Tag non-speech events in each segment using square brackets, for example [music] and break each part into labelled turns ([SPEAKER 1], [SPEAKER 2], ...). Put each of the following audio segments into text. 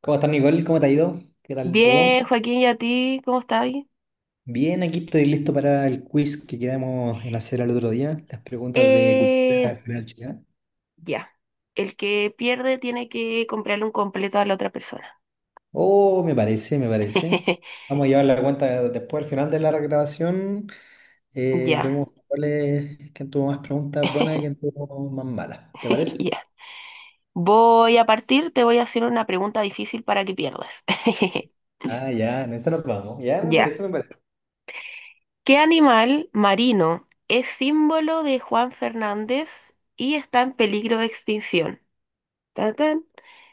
[SPEAKER 1] ¿Cómo estás, Nicole? ¿Cómo te ha ido? ¿Qué tal
[SPEAKER 2] Bien,
[SPEAKER 1] todo?
[SPEAKER 2] Joaquín, ¿y a ti? ¿Cómo estás?
[SPEAKER 1] Bien, aquí estoy listo para el quiz que quedamos en hacer al otro día, las preguntas de
[SPEAKER 2] Eh,
[SPEAKER 1] cultura general chilena.
[SPEAKER 2] ya. El que pierde tiene que comprarle un completo a la otra persona.
[SPEAKER 1] Oh, me parece, me parece.
[SPEAKER 2] [laughs]
[SPEAKER 1] Vamos a llevar la cuenta después, al final de la grabación,
[SPEAKER 2] Ya.
[SPEAKER 1] vemos cuál es, quién tuvo más preguntas buenas y quién
[SPEAKER 2] [laughs]
[SPEAKER 1] tuvo más malas. ¿Te parece?
[SPEAKER 2] Ya. Voy a partir, te voy a hacer una pregunta difícil para que pierdas. [laughs]
[SPEAKER 1] Ah, ya, en esa nos vamos. Ya, me
[SPEAKER 2] Ya.
[SPEAKER 1] parece, me parece.
[SPEAKER 2] ¿Qué animal marino es símbolo de Juan Fernández y está en peligro de extinción? Tan, tan.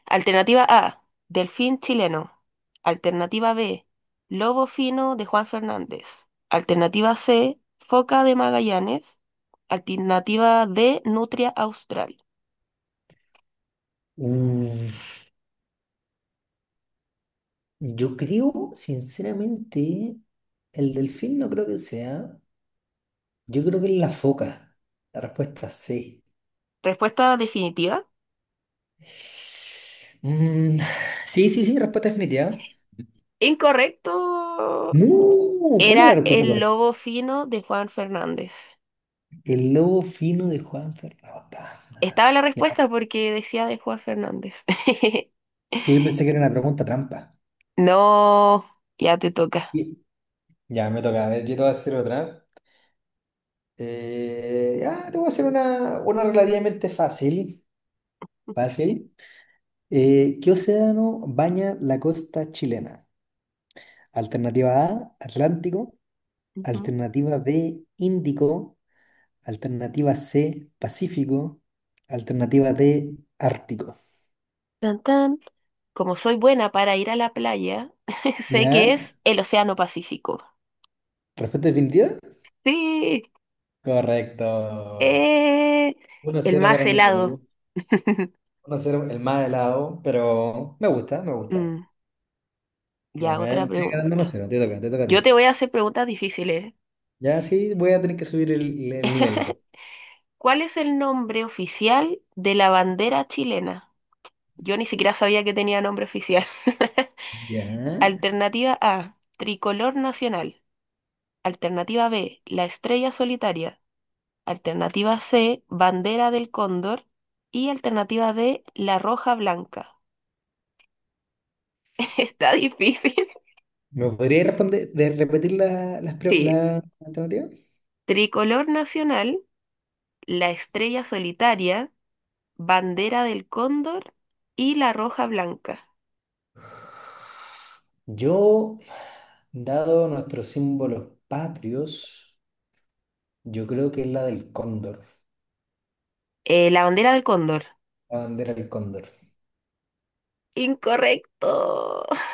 [SPEAKER 2] Alternativa A, delfín chileno. Alternativa B, lobo fino de Juan Fernández. Alternativa C, foca de Magallanes. Alternativa D, nutria austral.
[SPEAKER 1] Mm, yo creo, sinceramente, el delfín no creo que sea. Yo creo que es la foca. La respuesta sí.
[SPEAKER 2] Respuesta definitiva.
[SPEAKER 1] Mm, sí, sí, sí, respuesta definitiva.
[SPEAKER 2] Incorrecto.
[SPEAKER 1] No, ¿cuál es la
[SPEAKER 2] Era
[SPEAKER 1] respuesta
[SPEAKER 2] el
[SPEAKER 1] correcta?
[SPEAKER 2] lobo fino de Juan Fernández.
[SPEAKER 1] El lobo fino de Juan Ferrata.
[SPEAKER 2] Estaba
[SPEAKER 1] Madre.
[SPEAKER 2] la
[SPEAKER 1] Ya,
[SPEAKER 2] respuesta porque decía de Juan Fernández. [laughs]
[SPEAKER 1] que yo pensé que era una pregunta trampa.
[SPEAKER 2] No, ya te toca.
[SPEAKER 1] Y- Ya, me toca. A ver, yo te voy a hacer otra. Ya, te voy a hacer una relativamente fácil. Fácil. ¿Qué océano baña la costa chilena? Alternativa A, Atlántico.
[SPEAKER 2] Ujú.
[SPEAKER 1] Alternativa B, Índico. Alternativa C, Pacífico. Alternativa D, Ártico.
[SPEAKER 2] Tan, tan. Como soy buena para ir a la playa, [laughs] sé que
[SPEAKER 1] ¿Ya?
[SPEAKER 2] es el Océano Pacífico.
[SPEAKER 1] ¿Respuesta definitiva?
[SPEAKER 2] Sí,
[SPEAKER 1] Correcto.
[SPEAKER 2] eh,
[SPEAKER 1] Uno
[SPEAKER 2] el
[SPEAKER 1] cero
[SPEAKER 2] más
[SPEAKER 1] para Nicole.
[SPEAKER 2] helado. [laughs]
[SPEAKER 1] Uno cero, el más helado, pero me gusta, me gusta.
[SPEAKER 2] Mm,
[SPEAKER 1] Ya,
[SPEAKER 2] ya,
[SPEAKER 1] me,
[SPEAKER 2] otra
[SPEAKER 1] me voy ganando
[SPEAKER 2] pregunta.
[SPEAKER 1] 1-0, te toca a
[SPEAKER 2] Yo
[SPEAKER 1] ti.
[SPEAKER 2] te voy a hacer preguntas difíciles.
[SPEAKER 1] Ya, sí, voy a tener que subir el,
[SPEAKER 2] ¿Eh?
[SPEAKER 1] el nivel
[SPEAKER 2] [laughs]
[SPEAKER 1] entonces.
[SPEAKER 2] ¿Cuál es el nombre oficial de la bandera chilena? Yo ni siquiera sabía que tenía nombre oficial. [laughs]
[SPEAKER 1] Ya.
[SPEAKER 2] Alternativa A, tricolor nacional. Alternativa B, la estrella solitaria. Alternativa C, bandera del cóndor. Y alternativa D, la roja blanca. [laughs] Está difícil.
[SPEAKER 1] ¿Me podría responder, repetir
[SPEAKER 2] Sí.
[SPEAKER 1] la alternativa?
[SPEAKER 2] Tricolor nacional, la estrella solitaria, bandera del cóndor y la roja blanca.
[SPEAKER 1] Yo, dado nuestros símbolos patrios. Yo creo que es la del cóndor,
[SPEAKER 2] La bandera del cóndor.
[SPEAKER 1] la bandera del cóndor.
[SPEAKER 2] Incorrecto.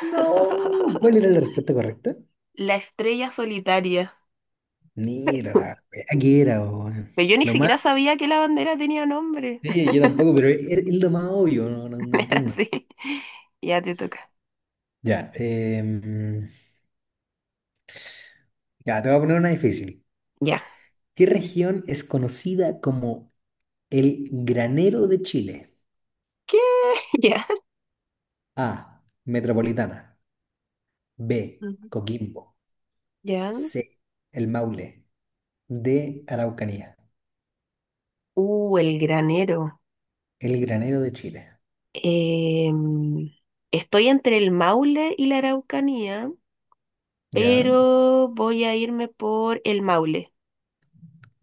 [SPEAKER 1] No, ¿cuál era la respuesta correcta?
[SPEAKER 2] La estrella solitaria.
[SPEAKER 1] Mira
[SPEAKER 2] [laughs]
[SPEAKER 1] la wea que era, weón.
[SPEAKER 2] Pero yo ni
[SPEAKER 1] Lo más,
[SPEAKER 2] siquiera sabía que la bandera tenía nombre.
[SPEAKER 1] sí, yo tampoco,
[SPEAKER 2] [laughs]
[SPEAKER 1] pero es lo más obvio, no, no entiendo.
[SPEAKER 2] Sí. Ya te toca.
[SPEAKER 1] Ya, ya, te voy a poner una difícil.
[SPEAKER 2] Ya.
[SPEAKER 1] ¿Qué región es conocida como el granero de Chile?
[SPEAKER 2] ¿Qué? [laughs] Ya.
[SPEAKER 1] A, Metropolitana. B,
[SPEAKER 2] Ujú.
[SPEAKER 1] Coquimbo.
[SPEAKER 2] Ya.
[SPEAKER 1] C, El Maule. D, Araucanía.
[SPEAKER 2] El granero.
[SPEAKER 1] El granero de Chile.
[SPEAKER 2] Em, estoy entre el Maule y la Araucanía,
[SPEAKER 1] ¿Ya?
[SPEAKER 2] pero voy a irme por el Maule.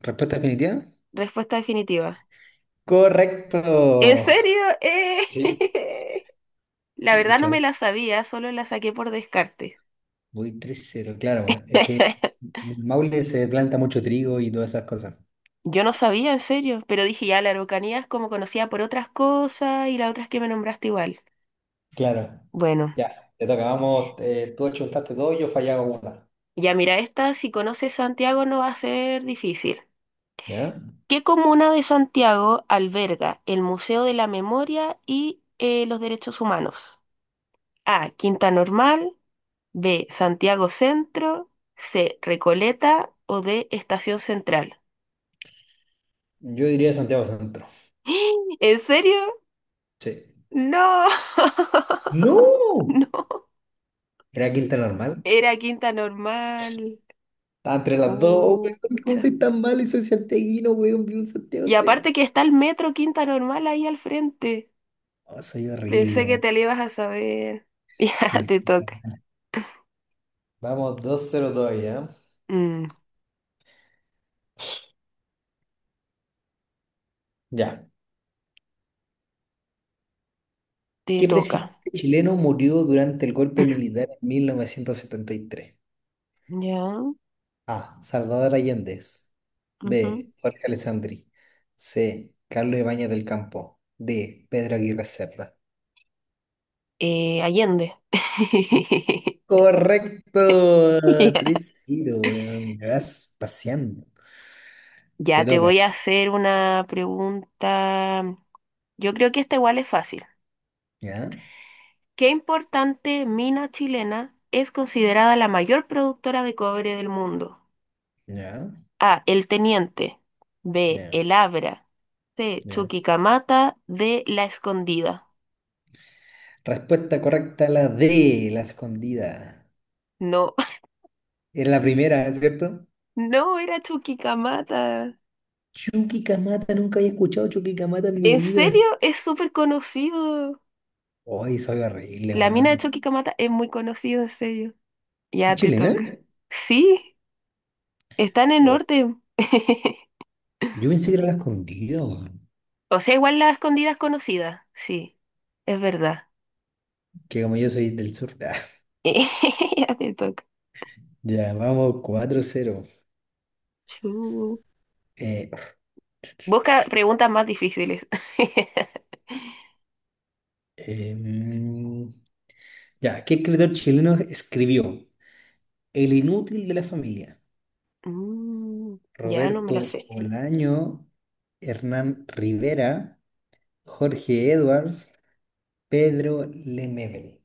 [SPEAKER 1] ¿Respuesta definitiva?
[SPEAKER 2] Respuesta definitiva. ¿En
[SPEAKER 1] Correcto.
[SPEAKER 2] serio? ¡Eh!
[SPEAKER 1] Sí.
[SPEAKER 2] [laughs] La verdad no
[SPEAKER 1] Chucha,
[SPEAKER 2] me la sabía, solo la saqué por descarte.
[SPEAKER 1] voy 3-0, claro. Es que
[SPEAKER 2] [laughs]
[SPEAKER 1] en Maule se planta mucho trigo y todas esas cosas.
[SPEAKER 2] Yo no sabía, en serio, pero dije ya, la Araucanía es como conocida por otras cosas y las otras que me nombraste igual.
[SPEAKER 1] Claro.
[SPEAKER 2] Bueno,
[SPEAKER 1] Ya, te toca. Vamos, tú achuntaste dos yo fallaba una.
[SPEAKER 2] ya mira, esta, si conoces Santiago no va a ser difícil.
[SPEAKER 1] ¿Ya?
[SPEAKER 2] ¿Qué comuna de Santiago alberga el Museo de la Memoria y los Derechos Humanos? A. Quinta Normal. B. Santiago Centro. C. Recoleta. O D. Estación Central.
[SPEAKER 1] Yo diría Santiago Centro.
[SPEAKER 2] [gasps] ¿En serio?
[SPEAKER 1] Sí.
[SPEAKER 2] No. [laughs]
[SPEAKER 1] ¡No!
[SPEAKER 2] No.
[SPEAKER 1] ¿Era Quinta Normal?
[SPEAKER 2] Era Quinta Normal.
[SPEAKER 1] Está entre las dos. Oh, weón, ¿cómo
[SPEAKER 2] Pucha.
[SPEAKER 1] soy tan malo y soy santiaguino, weón? Vivo en Santiago
[SPEAKER 2] Y
[SPEAKER 1] Centro.
[SPEAKER 2] aparte que está el metro Quinta Normal ahí al frente.
[SPEAKER 1] Oh, soy horrible,
[SPEAKER 2] Pensé que
[SPEAKER 1] weón.
[SPEAKER 2] te lo ibas a saber. [laughs] Ya, te
[SPEAKER 1] Cultura.
[SPEAKER 2] toca.
[SPEAKER 1] Vamos, 2-0 todavía, ¿eh?
[SPEAKER 2] Mm,
[SPEAKER 1] Ya.
[SPEAKER 2] te
[SPEAKER 1] ¿Qué
[SPEAKER 2] toca.
[SPEAKER 1] presidente chileno murió durante el golpe
[SPEAKER 2] [clears throat]
[SPEAKER 1] militar en 1973?
[SPEAKER 2] Ya.
[SPEAKER 1] A. Salvador Allende. B.
[SPEAKER 2] Ujú.
[SPEAKER 1] Jorge Alessandri. C. Carlos Ibáñez del Campo. D. Pedro Aguirre Cerda.
[SPEAKER 2] Allende. [laughs]
[SPEAKER 1] Correcto.
[SPEAKER 2] Ya.
[SPEAKER 1] 3-0, weón. Me vas paseando.
[SPEAKER 2] Ya
[SPEAKER 1] Te
[SPEAKER 2] te
[SPEAKER 1] toca.
[SPEAKER 2] voy a hacer una pregunta. Yo creo que esta igual es fácil.
[SPEAKER 1] ¿Ya?
[SPEAKER 2] ¿Qué importante mina chilena es considerada la mayor productora de cobre del mundo?
[SPEAKER 1] ¿Ya?
[SPEAKER 2] A. El Teniente. B.
[SPEAKER 1] ¿Ya?
[SPEAKER 2] El Abra. C.
[SPEAKER 1] ¿Ya?
[SPEAKER 2] Chuquicamata. D. La Escondida.
[SPEAKER 1] Respuesta correcta, la D, la Escondida.
[SPEAKER 2] No,
[SPEAKER 1] Era la primera, ¿es ¿cierto?
[SPEAKER 2] [laughs] no era Chuquicamata.
[SPEAKER 1] Chucky Camata, nunca había escuchado Chucky Camata en mi
[SPEAKER 2] ¿En
[SPEAKER 1] vida.
[SPEAKER 2] serio? Es súper conocido.
[SPEAKER 1] Hoy soy horrible,
[SPEAKER 2] La mina de
[SPEAKER 1] weón.
[SPEAKER 2] Chuquicamata es muy conocida, en serio.
[SPEAKER 1] ¿Es
[SPEAKER 2] Ya te
[SPEAKER 1] chilena?
[SPEAKER 2] toca. Sí. Sí, está en el
[SPEAKER 1] Oh,
[SPEAKER 2] norte. [laughs]
[SPEAKER 1] yo pensé que era la Escondida, weón.
[SPEAKER 2] O sea, igual la escondida es conocida. Sí, es verdad.
[SPEAKER 1] Que como yo soy del sur. [laughs]
[SPEAKER 2] [laughs] Ya te toca.
[SPEAKER 1] Ya, vamos, 4-0.
[SPEAKER 2] Chu.
[SPEAKER 1] Eh,
[SPEAKER 2] Busca preguntas más difíciles. [laughs]
[SPEAKER 1] eh, mm, ya, ¿qué escritor chileno escribió El inútil de la familia?
[SPEAKER 2] Mm, ya no me las
[SPEAKER 1] Roberto
[SPEAKER 2] sé.
[SPEAKER 1] Olaño, Hernán Rivera, Jorge Edwards, Pedro Lemebel.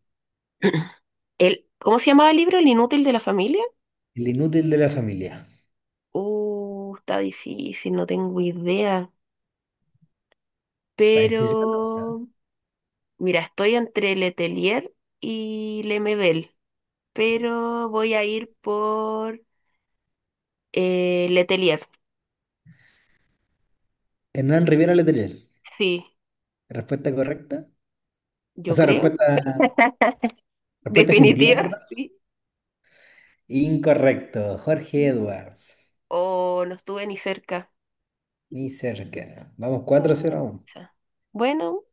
[SPEAKER 2] [clears throat] El, ¿cómo se llamaba el libro? ¿El inútil de la familia?
[SPEAKER 1] El inútil de la familia.
[SPEAKER 2] Está difícil, no tengo idea.
[SPEAKER 1] Está difícil la pregunta, ¿eh?
[SPEAKER 2] Pero, mira, estoy entre Letelier y Lemebel. Pero voy a ir por Letelier.
[SPEAKER 1] Hernán Rivera Letelier.
[SPEAKER 2] Sí,
[SPEAKER 1] ¿Respuesta correcta? O
[SPEAKER 2] yo
[SPEAKER 1] sea,
[SPEAKER 2] creo.
[SPEAKER 1] respuesta
[SPEAKER 2] [laughs]
[SPEAKER 1] Respuesta definitiva,
[SPEAKER 2] Definitiva,
[SPEAKER 1] ¿verdad?
[SPEAKER 2] sí.
[SPEAKER 1] Incorrecto. Jorge
[SPEAKER 2] No.
[SPEAKER 1] Edwards.
[SPEAKER 2] O no estuve ni cerca.
[SPEAKER 1] Ni cerca. Vamos 4-0 uno.
[SPEAKER 2] Pucha. Bueno,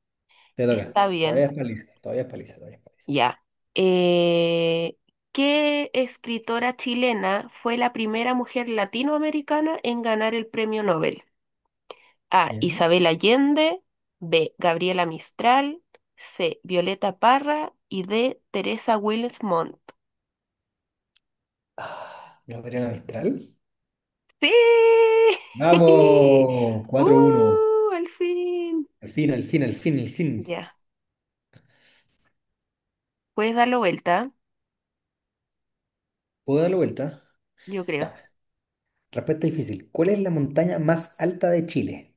[SPEAKER 1] Te
[SPEAKER 2] está
[SPEAKER 1] toca. Todavía
[SPEAKER 2] bien.
[SPEAKER 1] es paliza. Todavía es paliza. Todavía es paliza.
[SPEAKER 2] Ya. Eh, ¿Qué escritora chilena fue la primera mujer latinoamericana en ganar el premio Nobel? A.
[SPEAKER 1] Ya.
[SPEAKER 2] Isabel Allende. B. Gabriela Mistral. C. Violeta Parra. Y D. Teresa Wills.
[SPEAKER 1] Ah, Gabriela Mistral.
[SPEAKER 2] Sí. [laughs]
[SPEAKER 1] Vamos. 4-1.
[SPEAKER 2] Al fin.
[SPEAKER 1] Al fin, al fin, al fin, al fin.
[SPEAKER 2] Ya, puedes darlo vuelta,
[SPEAKER 1] ¿Puedo dar la vuelta?
[SPEAKER 2] yo creo.
[SPEAKER 1] Ya. Respuesta difícil. ¿Cuál es la montaña más alta de Chile?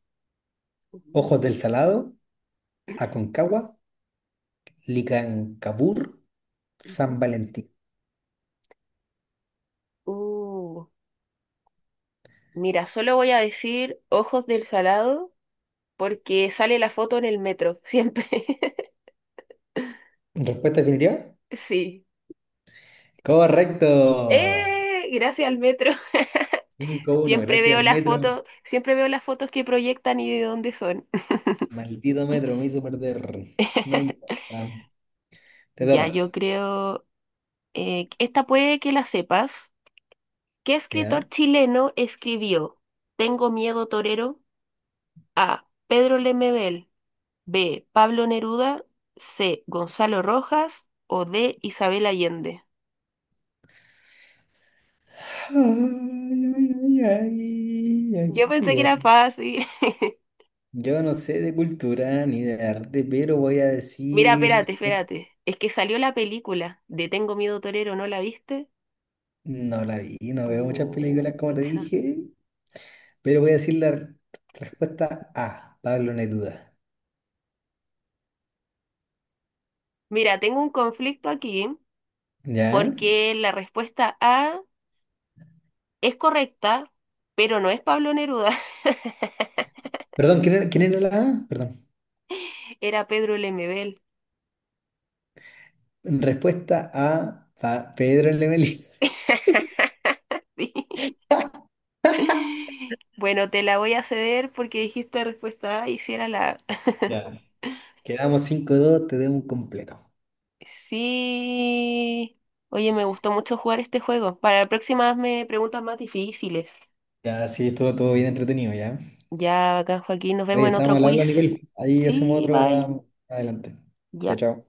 [SPEAKER 1] Ojos del
[SPEAKER 2] Ujú.
[SPEAKER 1] Salado, Aconcagua, Licancabur, San
[SPEAKER 2] Ujú.
[SPEAKER 1] Valentín.
[SPEAKER 2] Uh, mira, solo voy a decir ojos del salado porque sale la foto en el metro, siempre. [laughs]
[SPEAKER 1] ¿Respuesta definitiva?
[SPEAKER 2] Sí.
[SPEAKER 1] Correcto.
[SPEAKER 2] Gracias al metro. [laughs]
[SPEAKER 1] 5-1,
[SPEAKER 2] Siempre
[SPEAKER 1] gracias
[SPEAKER 2] veo
[SPEAKER 1] al
[SPEAKER 2] las
[SPEAKER 1] metro.
[SPEAKER 2] fotos, siempre veo las fotos que proyectan y de dónde son.
[SPEAKER 1] Maldito metro, me hizo perder. No
[SPEAKER 2] [laughs]
[SPEAKER 1] importa. Te
[SPEAKER 2] Ya,
[SPEAKER 1] toca.
[SPEAKER 2] yo creo, esta puede que la sepas. ¿Qué
[SPEAKER 1] ¿Ya?
[SPEAKER 2] escritor chileno escribió Tengo miedo torero? A. Pedro Lemebel. B. Pablo Neruda. C. Gonzalo Rojas. O D. Isabel Allende.
[SPEAKER 1] Ay, ay, ay, ay,
[SPEAKER 2] Yo pensé
[SPEAKER 1] ay,
[SPEAKER 2] que era
[SPEAKER 1] ay.
[SPEAKER 2] fácil. [laughs]
[SPEAKER 1] Yo no sé de cultura ni de arte, pero voy a
[SPEAKER 2] Mira, espérate,
[SPEAKER 1] decir...
[SPEAKER 2] espérate. Es que salió la película de Tengo miedo torero, ¿no la viste?
[SPEAKER 1] No la vi, no veo muchas películas como te
[SPEAKER 2] Pucha.
[SPEAKER 1] dije, pero voy a decir respuesta A, Pablo Neruda.
[SPEAKER 2] Mira, tengo un conflicto aquí
[SPEAKER 1] ¿Ya?
[SPEAKER 2] porque la respuesta A es correcta, pero no es Pablo Neruda,
[SPEAKER 1] Perdón, ¿quién era la A? Perdón.
[SPEAKER 2] [laughs] era Pedro Lemebel.
[SPEAKER 1] Respuesta A, Pedro Lemelí.
[SPEAKER 2] [laughs] Sí. [laughs] Bueno, te la voy a ceder porque dijiste respuesta A y si era la A. [laughs]
[SPEAKER 1] Ya. Quedamos 5-2, te debo un completo.
[SPEAKER 2] Sí. Oye, me gustó mucho jugar este juego. Para la próxima hazme preguntas más difíciles.
[SPEAKER 1] Ya, sí, estuvo todo bien entretenido, ya.
[SPEAKER 2] Ya, acá, Joaquín, nos
[SPEAKER 1] Oye,
[SPEAKER 2] vemos en
[SPEAKER 1] estamos
[SPEAKER 2] otro
[SPEAKER 1] al
[SPEAKER 2] quiz.
[SPEAKER 1] habla, Nicole. Ahí hacemos
[SPEAKER 2] Sí,
[SPEAKER 1] otro, va,
[SPEAKER 2] bye.
[SPEAKER 1] adelante. Chao,
[SPEAKER 2] Ya.
[SPEAKER 1] chao.